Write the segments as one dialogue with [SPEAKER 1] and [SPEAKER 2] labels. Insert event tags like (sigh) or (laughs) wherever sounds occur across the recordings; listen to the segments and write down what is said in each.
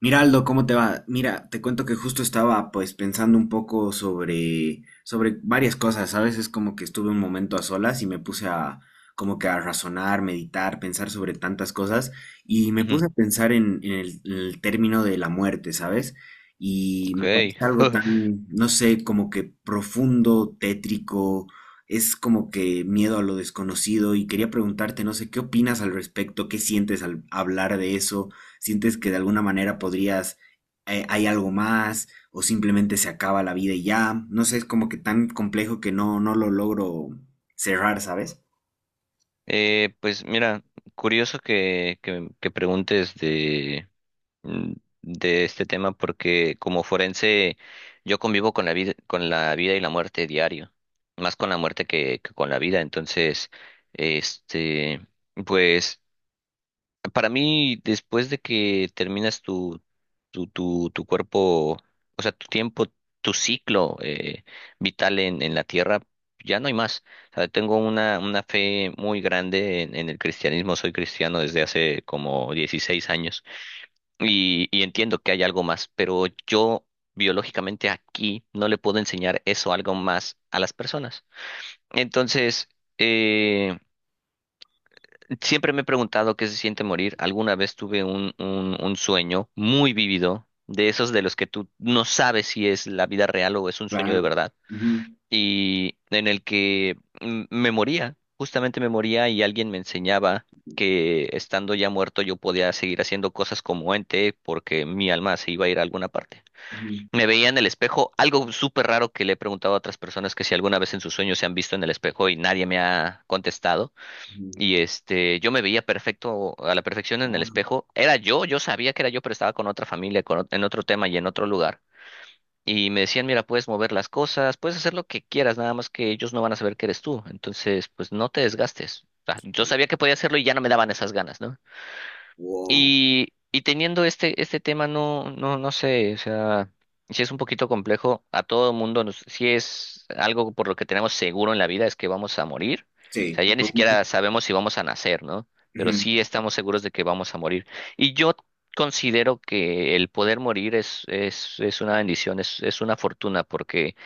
[SPEAKER 1] Miraldo, ¿cómo te va? Mira, te cuento que justo estaba pues pensando un poco sobre varias cosas, ¿sabes? Es como que estuve un momento a solas y me puse a como que a razonar, meditar, pensar sobre tantas cosas y me
[SPEAKER 2] Ujú.
[SPEAKER 1] puse a pensar en el término de la muerte, ¿sabes? Y me parece
[SPEAKER 2] Ok.
[SPEAKER 1] algo
[SPEAKER 2] (laughs)
[SPEAKER 1] tan, no sé, como que profundo, tétrico, es como que miedo a lo desconocido y quería preguntarte, no sé, ¿qué opinas al respecto? ¿Qué sientes al hablar de eso? Sientes que de alguna manera podrías, hay algo más, o simplemente se acaba la vida y ya. No sé, es como que tan complejo que no lo logro cerrar, ¿sabes?
[SPEAKER 2] Pues mira, curioso que preguntes de, mm, de este tema porque como forense yo convivo con la vida y la muerte diario, más con la muerte que con la vida. Entonces, este, pues para mí, después de que terminas tu, tu cuerpo, o sea, tu tiempo, tu ciclo vital en la tierra, ya no hay más. O sea, tengo una fe muy grande en el cristianismo. Soy cristiano desde hace como 16 años y entiendo que hay algo más, pero yo biológicamente aquí no le puedo enseñar eso, algo más a las personas. Entonces, eh, siempre me he preguntado qué se siente morir. Alguna vez tuve un, un sueño muy vívido, de esos de los que tú no sabes si es la vida real o es un sueño de
[SPEAKER 1] Claro.
[SPEAKER 2] verdad,
[SPEAKER 1] Ujú,
[SPEAKER 2] y en el que me moría, justamente me moría y alguien me enseñaba que estando ya muerto yo podía seguir haciendo cosas como ente porque mi alma se iba a ir a alguna parte.
[SPEAKER 1] ujú,
[SPEAKER 2] Me veía en el espejo, algo súper raro que le he preguntado a otras personas que si alguna vez en sus sueños se han visto en el espejo y nadie me ha contestado
[SPEAKER 1] ujú.
[SPEAKER 2] y yo me veía perfecto a la perfección en el
[SPEAKER 1] Ah,
[SPEAKER 2] espejo. Era yo, yo sabía que era yo, pero estaba con otra familia, con, en otro tema y en otro lugar. Y me decían, mira, puedes mover las cosas, puedes hacer lo que quieras, nada más que ellos no van a saber que eres tú. Entonces, pues no te desgastes. O sea, yo
[SPEAKER 1] ok.
[SPEAKER 2] sabía que podía hacerlo y ya no me daban esas ganas, ¿no?
[SPEAKER 1] Wow.
[SPEAKER 2] Y teniendo este, este tema, no, no sé, o sea, si es un poquito complejo, a todo mundo, nos, si es algo por lo que tenemos seguro en la vida, es que vamos a morir. O
[SPEAKER 1] Sí,
[SPEAKER 2] sea,
[SPEAKER 1] es
[SPEAKER 2] ya ni
[SPEAKER 1] lo único.
[SPEAKER 2] siquiera sabemos si vamos a nacer, ¿no? Pero
[SPEAKER 1] Ujú.
[SPEAKER 2] sí estamos seguros de que vamos a morir. Y yo considero que el poder morir es una bendición, es una fortuna, porque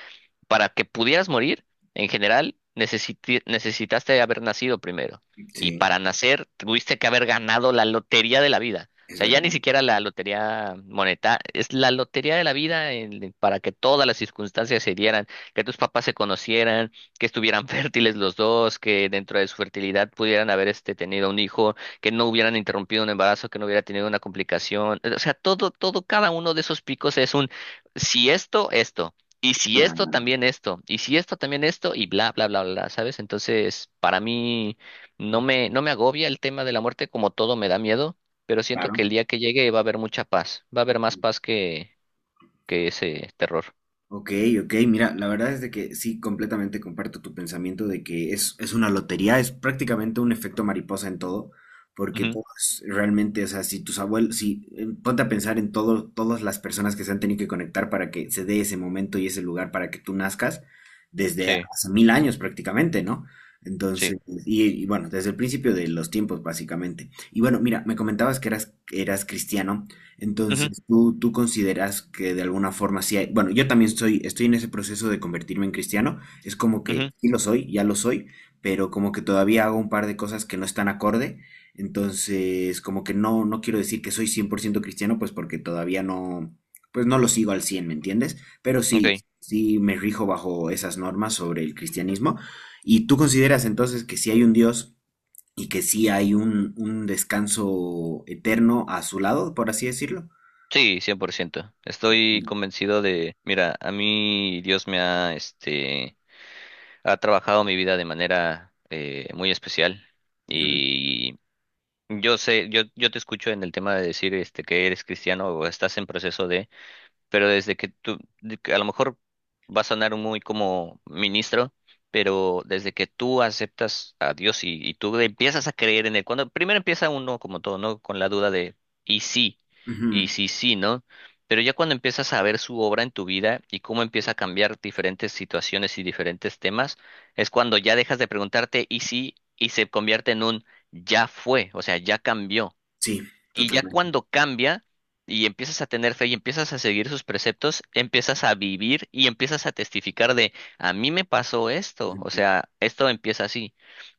[SPEAKER 2] para que pudieras morir, en general, necesitaste haber nacido primero. Y
[SPEAKER 1] Sí,
[SPEAKER 2] para nacer, tuviste que haber ganado la lotería de la vida. O
[SPEAKER 1] es
[SPEAKER 2] sea, ya
[SPEAKER 1] verdad.
[SPEAKER 2] ni siquiera la lotería monetaria, es la lotería de la vida para que todas las circunstancias se dieran, que tus papás se conocieran, que estuvieran (laughs) fértiles los dos, que dentro de su fertilidad pudieran haber tenido un hijo, que no hubieran interrumpido un embarazo, que no hubiera tenido una complicación. O sea, todo, todo, cada uno de esos picos es un, si esto, esto. Y si esto,
[SPEAKER 1] Claro.
[SPEAKER 2] también esto. Y si esto, también esto. Y bla, bla, bla, bla, ¿sabes? Entonces, para mí no me, no me agobia el tema de la muerte, como todo me da miedo, pero siento que el
[SPEAKER 1] Claro.
[SPEAKER 2] día que llegue va a haber mucha paz. Va a haber
[SPEAKER 1] Ok.
[SPEAKER 2] más paz que ese terror.
[SPEAKER 1] Ok, ok, mira, la verdad es de que sí, completamente comparto tu pensamiento de que es una lotería, es prácticamente un efecto mariposa en todo, porque
[SPEAKER 2] Ujú.
[SPEAKER 1] todos realmente, o sea, si tus abuelos, si ponte a pensar en todo, todas las personas que se han tenido que conectar para que se dé ese momento y ese lugar para que tú nazcas, desde
[SPEAKER 2] Sí,
[SPEAKER 1] hace mil años prácticamente, ¿no?
[SPEAKER 2] sí.
[SPEAKER 1] Entonces, y bueno, desde el principio de los tiempos, básicamente. Y bueno, mira, me comentabas que eras cristiano.
[SPEAKER 2] Ujú,
[SPEAKER 1] Entonces, ¿tú consideras que de alguna forma sí hay, bueno, yo también soy, estoy en ese proceso de convertirme en cristiano, es como que
[SPEAKER 2] ujú.
[SPEAKER 1] sí lo soy, ya lo soy, pero como que todavía hago un par de cosas que no están acorde, entonces como que no quiero decir que soy 100% cristiano, pues porque todavía no, pues no lo sigo al cien? ¿Me entiendes? Pero sí,
[SPEAKER 2] Ok.
[SPEAKER 1] sí me rijo bajo esas normas sobre el cristianismo. ¿Y tú consideras entonces que sí hay un Dios y que sí hay un descanso eterno a su lado, por así decirlo?
[SPEAKER 2] Sí, 100%. Estoy
[SPEAKER 1] Ujú,
[SPEAKER 2] convencido de, mira, a mí Dios me ha, ha trabajado mi vida de manera muy especial. Yo sé, yo te escucho en el tema de decir este que eres cristiano o estás en proceso de, pero desde que tú, de que a lo mejor va a sonar muy como ministro, pero desde que tú aceptas a Dios y tú empiezas a creer en él, cuando primero empieza uno como todo, ¿no? Con la duda de, y sí, y
[SPEAKER 1] ujú.
[SPEAKER 2] sí, sí, ¿no? Pero ya cuando empiezas a ver su obra en tu vida y cómo empieza a cambiar diferentes situaciones y diferentes temas, es cuando ya dejas de preguntarte, y sí, y se convierte en un ya fue, o sea, ya cambió.
[SPEAKER 1] Sí,
[SPEAKER 2] Y ya
[SPEAKER 1] totalmente.
[SPEAKER 2] cuando cambia y empiezas a tener fe y empiezas a seguir sus preceptos, empiezas a vivir y empiezas a testificar de, a mí me pasó esto, o
[SPEAKER 1] Ujú.
[SPEAKER 2] sea, esto empieza así.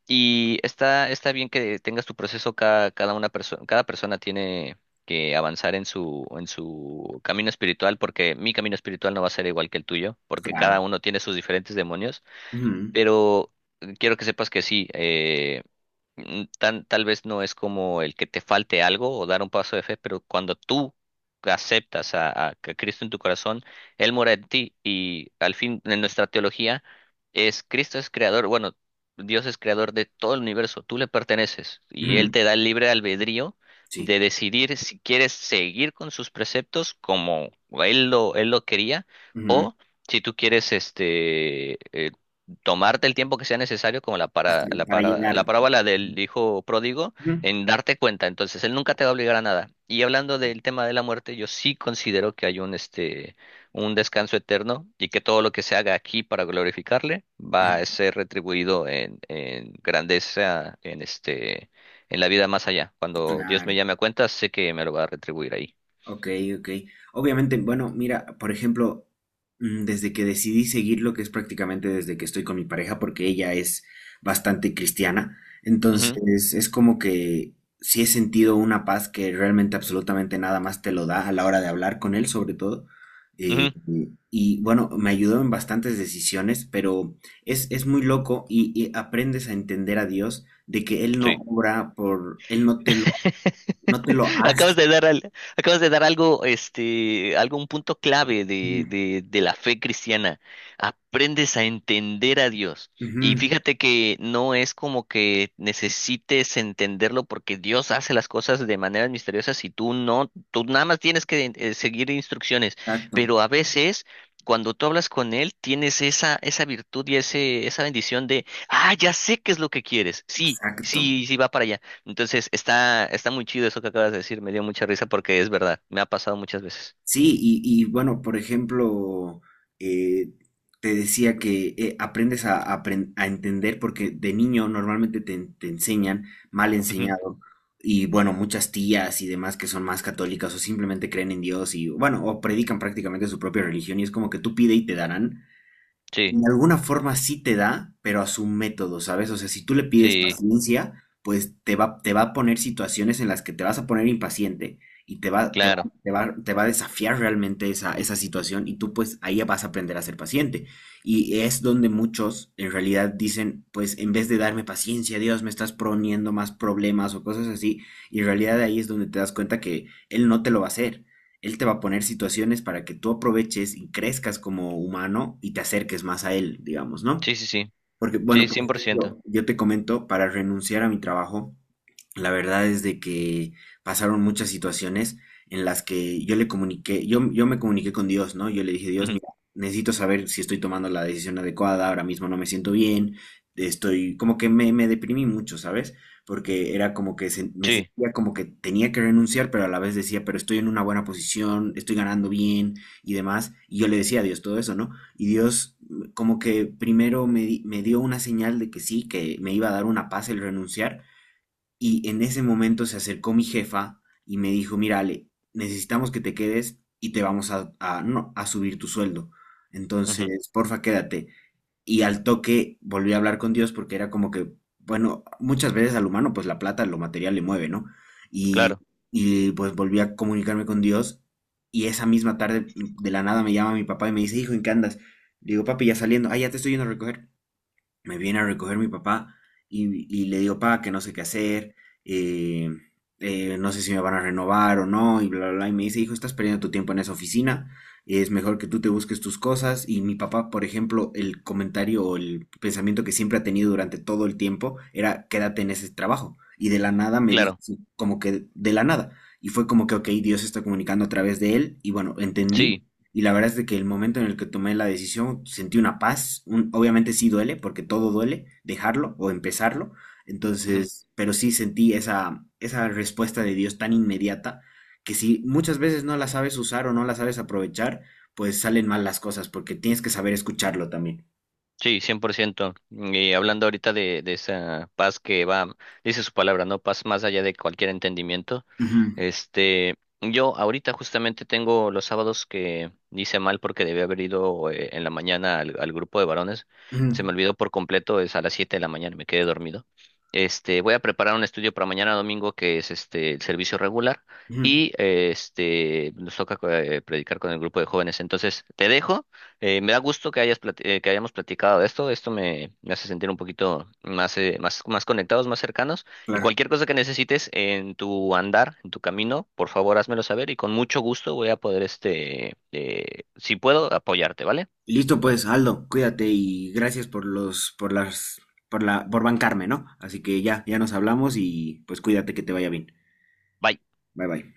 [SPEAKER 2] Y está, está bien que tengas tu proceso, cada, cada una persona, cada persona tiene que avanzar en su camino espiritual, porque mi camino espiritual no va a ser igual que el tuyo, porque
[SPEAKER 1] Claro.
[SPEAKER 2] cada uno tiene sus diferentes demonios,
[SPEAKER 1] Ujú,
[SPEAKER 2] pero quiero que sepas que sí, tal vez no es como el que te falte algo o dar un paso de fe, pero cuando tú aceptas a que Cristo en tu corazón, Él mora en ti y al fin en nuestra teología es Cristo es creador, bueno, Dios es creador de todo el universo, tú le perteneces y Él
[SPEAKER 1] ujú.
[SPEAKER 2] te da el libre albedrío
[SPEAKER 1] Sí.
[SPEAKER 2] de decidir si quieres seguir con sus preceptos como Él lo quería
[SPEAKER 1] Ujú.
[SPEAKER 2] o si tú quieres tomarte el tiempo que sea necesario, como
[SPEAKER 1] Para llegar.
[SPEAKER 2] la parábola del
[SPEAKER 1] Ujú,
[SPEAKER 2] hijo pródigo,
[SPEAKER 1] ujú.
[SPEAKER 2] en darte cuenta. Entonces, él nunca te va a obligar a nada. Y hablando del tema de la muerte, yo sí considero que hay un un descanso eterno y que todo lo que se haga aquí para glorificarle va a ser retribuido en grandeza, en en la vida más allá. Cuando Dios me
[SPEAKER 1] Claro.
[SPEAKER 2] llame a cuenta, sé que me lo va a retribuir ahí.
[SPEAKER 1] Ok, ok. Obviamente, bueno, mira, por ejemplo, desde que decidí seguir lo que es prácticamente desde que estoy con mi pareja, porque ella es bastante cristiana,
[SPEAKER 2] Ujú,
[SPEAKER 1] entonces es como que sí he sentido una paz que realmente absolutamente nada más te lo da a la hora de hablar con él, sobre todo.
[SPEAKER 2] ujú,
[SPEAKER 1] Y bueno, me ayudó en bastantes decisiones, pero es muy loco y aprendes a entender a Dios de que Él no
[SPEAKER 2] sí.
[SPEAKER 1] obra por, Él no te lo, no te
[SPEAKER 2] (laughs)
[SPEAKER 1] lo hace.
[SPEAKER 2] Acabas de dar algo, algún punto clave
[SPEAKER 1] Ujú,
[SPEAKER 2] de, de la fe cristiana. Aprendes a entender a Dios. Y
[SPEAKER 1] ujú,
[SPEAKER 2] fíjate que no es como que necesites entenderlo porque Dios hace las cosas de maneras misteriosas y tú no, tú nada más tienes que seguir instrucciones.
[SPEAKER 1] exacto,
[SPEAKER 2] Pero a veces, cuando tú hablas con Él, tienes esa, esa virtud y ese, esa bendición de, ah, ya sé qué es lo que quieres. Sí,
[SPEAKER 1] exacto.
[SPEAKER 2] sí, sí va para allá. Entonces, está, está muy chido eso que acabas de decir, me dio mucha risa porque es verdad, me ha pasado muchas veces.
[SPEAKER 1] Sí, bueno, por ejemplo, eh, te decía que aprendes a apren- a entender porque de niño normalmente te, en- te enseñan mal
[SPEAKER 2] Ujú.
[SPEAKER 1] enseñado y bueno, muchas tías y demás que son más católicas o simplemente creen en Dios y bueno, o predican prácticamente su propia religión y es como que tú pide y te darán
[SPEAKER 2] Sí,
[SPEAKER 1] en alguna forma sí te da, pero a su método, ¿sabes? O sea, si tú le pides
[SPEAKER 2] sí,
[SPEAKER 1] paciencia, pues te va a poner situaciones en las que te vas a poner impaciente y
[SPEAKER 2] claro.
[SPEAKER 1] te va a desafiar realmente esa, esa situación y tú pues ahí vas a aprender a ser paciente. Y es donde muchos en realidad dicen, pues en vez de darme paciencia, Dios, me estás poniendo más problemas o cosas así, y en realidad ahí es donde te das cuenta que él no te lo va a hacer. Él te va a poner situaciones para que tú aproveches y crezcas como humano y te acerques más a él, digamos, ¿no?
[SPEAKER 2] Sí, sí, sí.
[SPEAKER 1] Porque, bueno,
[SPEAKER 2] Sí,
[SPEAKER 1] por
[SPEAKER 2] 100%.
[SPEAKER 1] ejemplo, yo te comento, para renunciar a mi trabajo, la verdad es de que pasaron muchas situaciones en las que yo le comuniqué, yo me comuniqué con Dios, ¿no? Yo le dije, Dios,
[SPEAKER 2] Ujú.
[SPEAKER 1] mira, necesito saber si estoy tomando la decisión adecuada, ahora mismo no me siento bien, estoy, como que me deprimí mucho, ¿sabes? Porque era como que se- me
[SPEAKER 2] Sí,
[SPEAKER 1] sentía como que tenía que renunciar, pero a la vez decía, pero estoy en una buena posición, estoy ganando bien y demás. Y yo le decía a Dios todo eso, ¿no? Y Dios como que primero me, di- me dio una señal de que sí, que me iba a dar una paz el renunciar, y en ese momento se acercó mi jefa y me dijo, mira, Ale, necesitamos que te quedes y te vamos a- no, a subir tu sueldo.
[SPEAKER 2] ujú.
[SPEAKER 1] Entonces, porfa, quédate y al toque volví a hablar con Dios porque era como que, bueno, muchas veces al humano pues la plata, lo material le mueve, ¿no? Y,
[SPEAKER 2] Claro,
[SPEAKER 1] y pues volví a comunicarme con Dios y esa misma tarde de la nada me llama mi papá y me dice, hijo, ¿en qué andas? Le digo, papi, ya saliendo, ah, ya te estoy yendo a recoger, me viene a recoger mi papá y le digo, pa, que no sé qué hacer, eh, no sé si me van a renovar o no, y bla, bla, bla. Y me dice, hijo, estás perdiendo tu tiempo en esa oficina, es mejor que tú te busques tus cosas. Y mi papá, por ejemplo, el comentario o el pensamiento que siempre ha tenido durante todo el tiempo era, quédate en ese trabajo. Y de la nada me dijo,
[SPEAKER 2] claro.
[SPEAKER 1] así, como que de la nada. Y fue como que, ok, Dios está comunicando a través de él. Y bueno, entendí
[SPEAKER 2] Sí.
[SPEAKER 1] y la verdad es de que el momento en el que tomé la decisión sentí una paz. Un- obviamente sí duele, porque todo duele, dejarlo o empezarlo. Entonces, pero sí sentí esa, esa respuesta de Dios tan inmediata que si muchas veces no la sabes usar o no la sabes aprovechar, pues salen mal las cosas, porque tienes que saber escucharlo también.
[SPEAKER 2] Sí, 100%. Y hablando ahorita de esa paz que va, dice su palabra, ¿no? Paz más allá de cualquier entendimiento.
[SPEAKER 1] Ujú,
[SPEAKER 2] Este, yo ahorita justamente tengo los sábados que hice mal porque debía haber ido en la mañana al, al grupo de varones. Se me
[SPEAKER 1] ujú,
[SPEAKER 2] olvidó por completo, es a las 7 de la mañana, me quedé dormido. Voy a preparar un estudio para mañana domingo que es este el servicio regular
[SPEAKER 1] ujú,
[SPEAKER 2] y este nos toca predicar con el grupo de jóvenes. Entonces, te dejo. Me da gusto que que hayamos platicado de esto. Esto me, me hace sentir un poquito más, más, más conectados, más cercanos. Y
[SPEAKER 1] claro.
[SPEAKER 2] cualquier cosa que necesites en tu andar, en tu camino, por favor, házmelo saber y con mucho gusto voy a poder, si puedo, apoyarte, ¿vale?
[SPEAKER 1] Listo pues, Aldo, cuídate y gracias por los, por las, por la, por bancarme, ¿no? Así que ya, ya nos hablamos y pues cuídate que te vaya bien.
[SPEAKER 2] Bye.
[SPEAKER 1] Bye bye.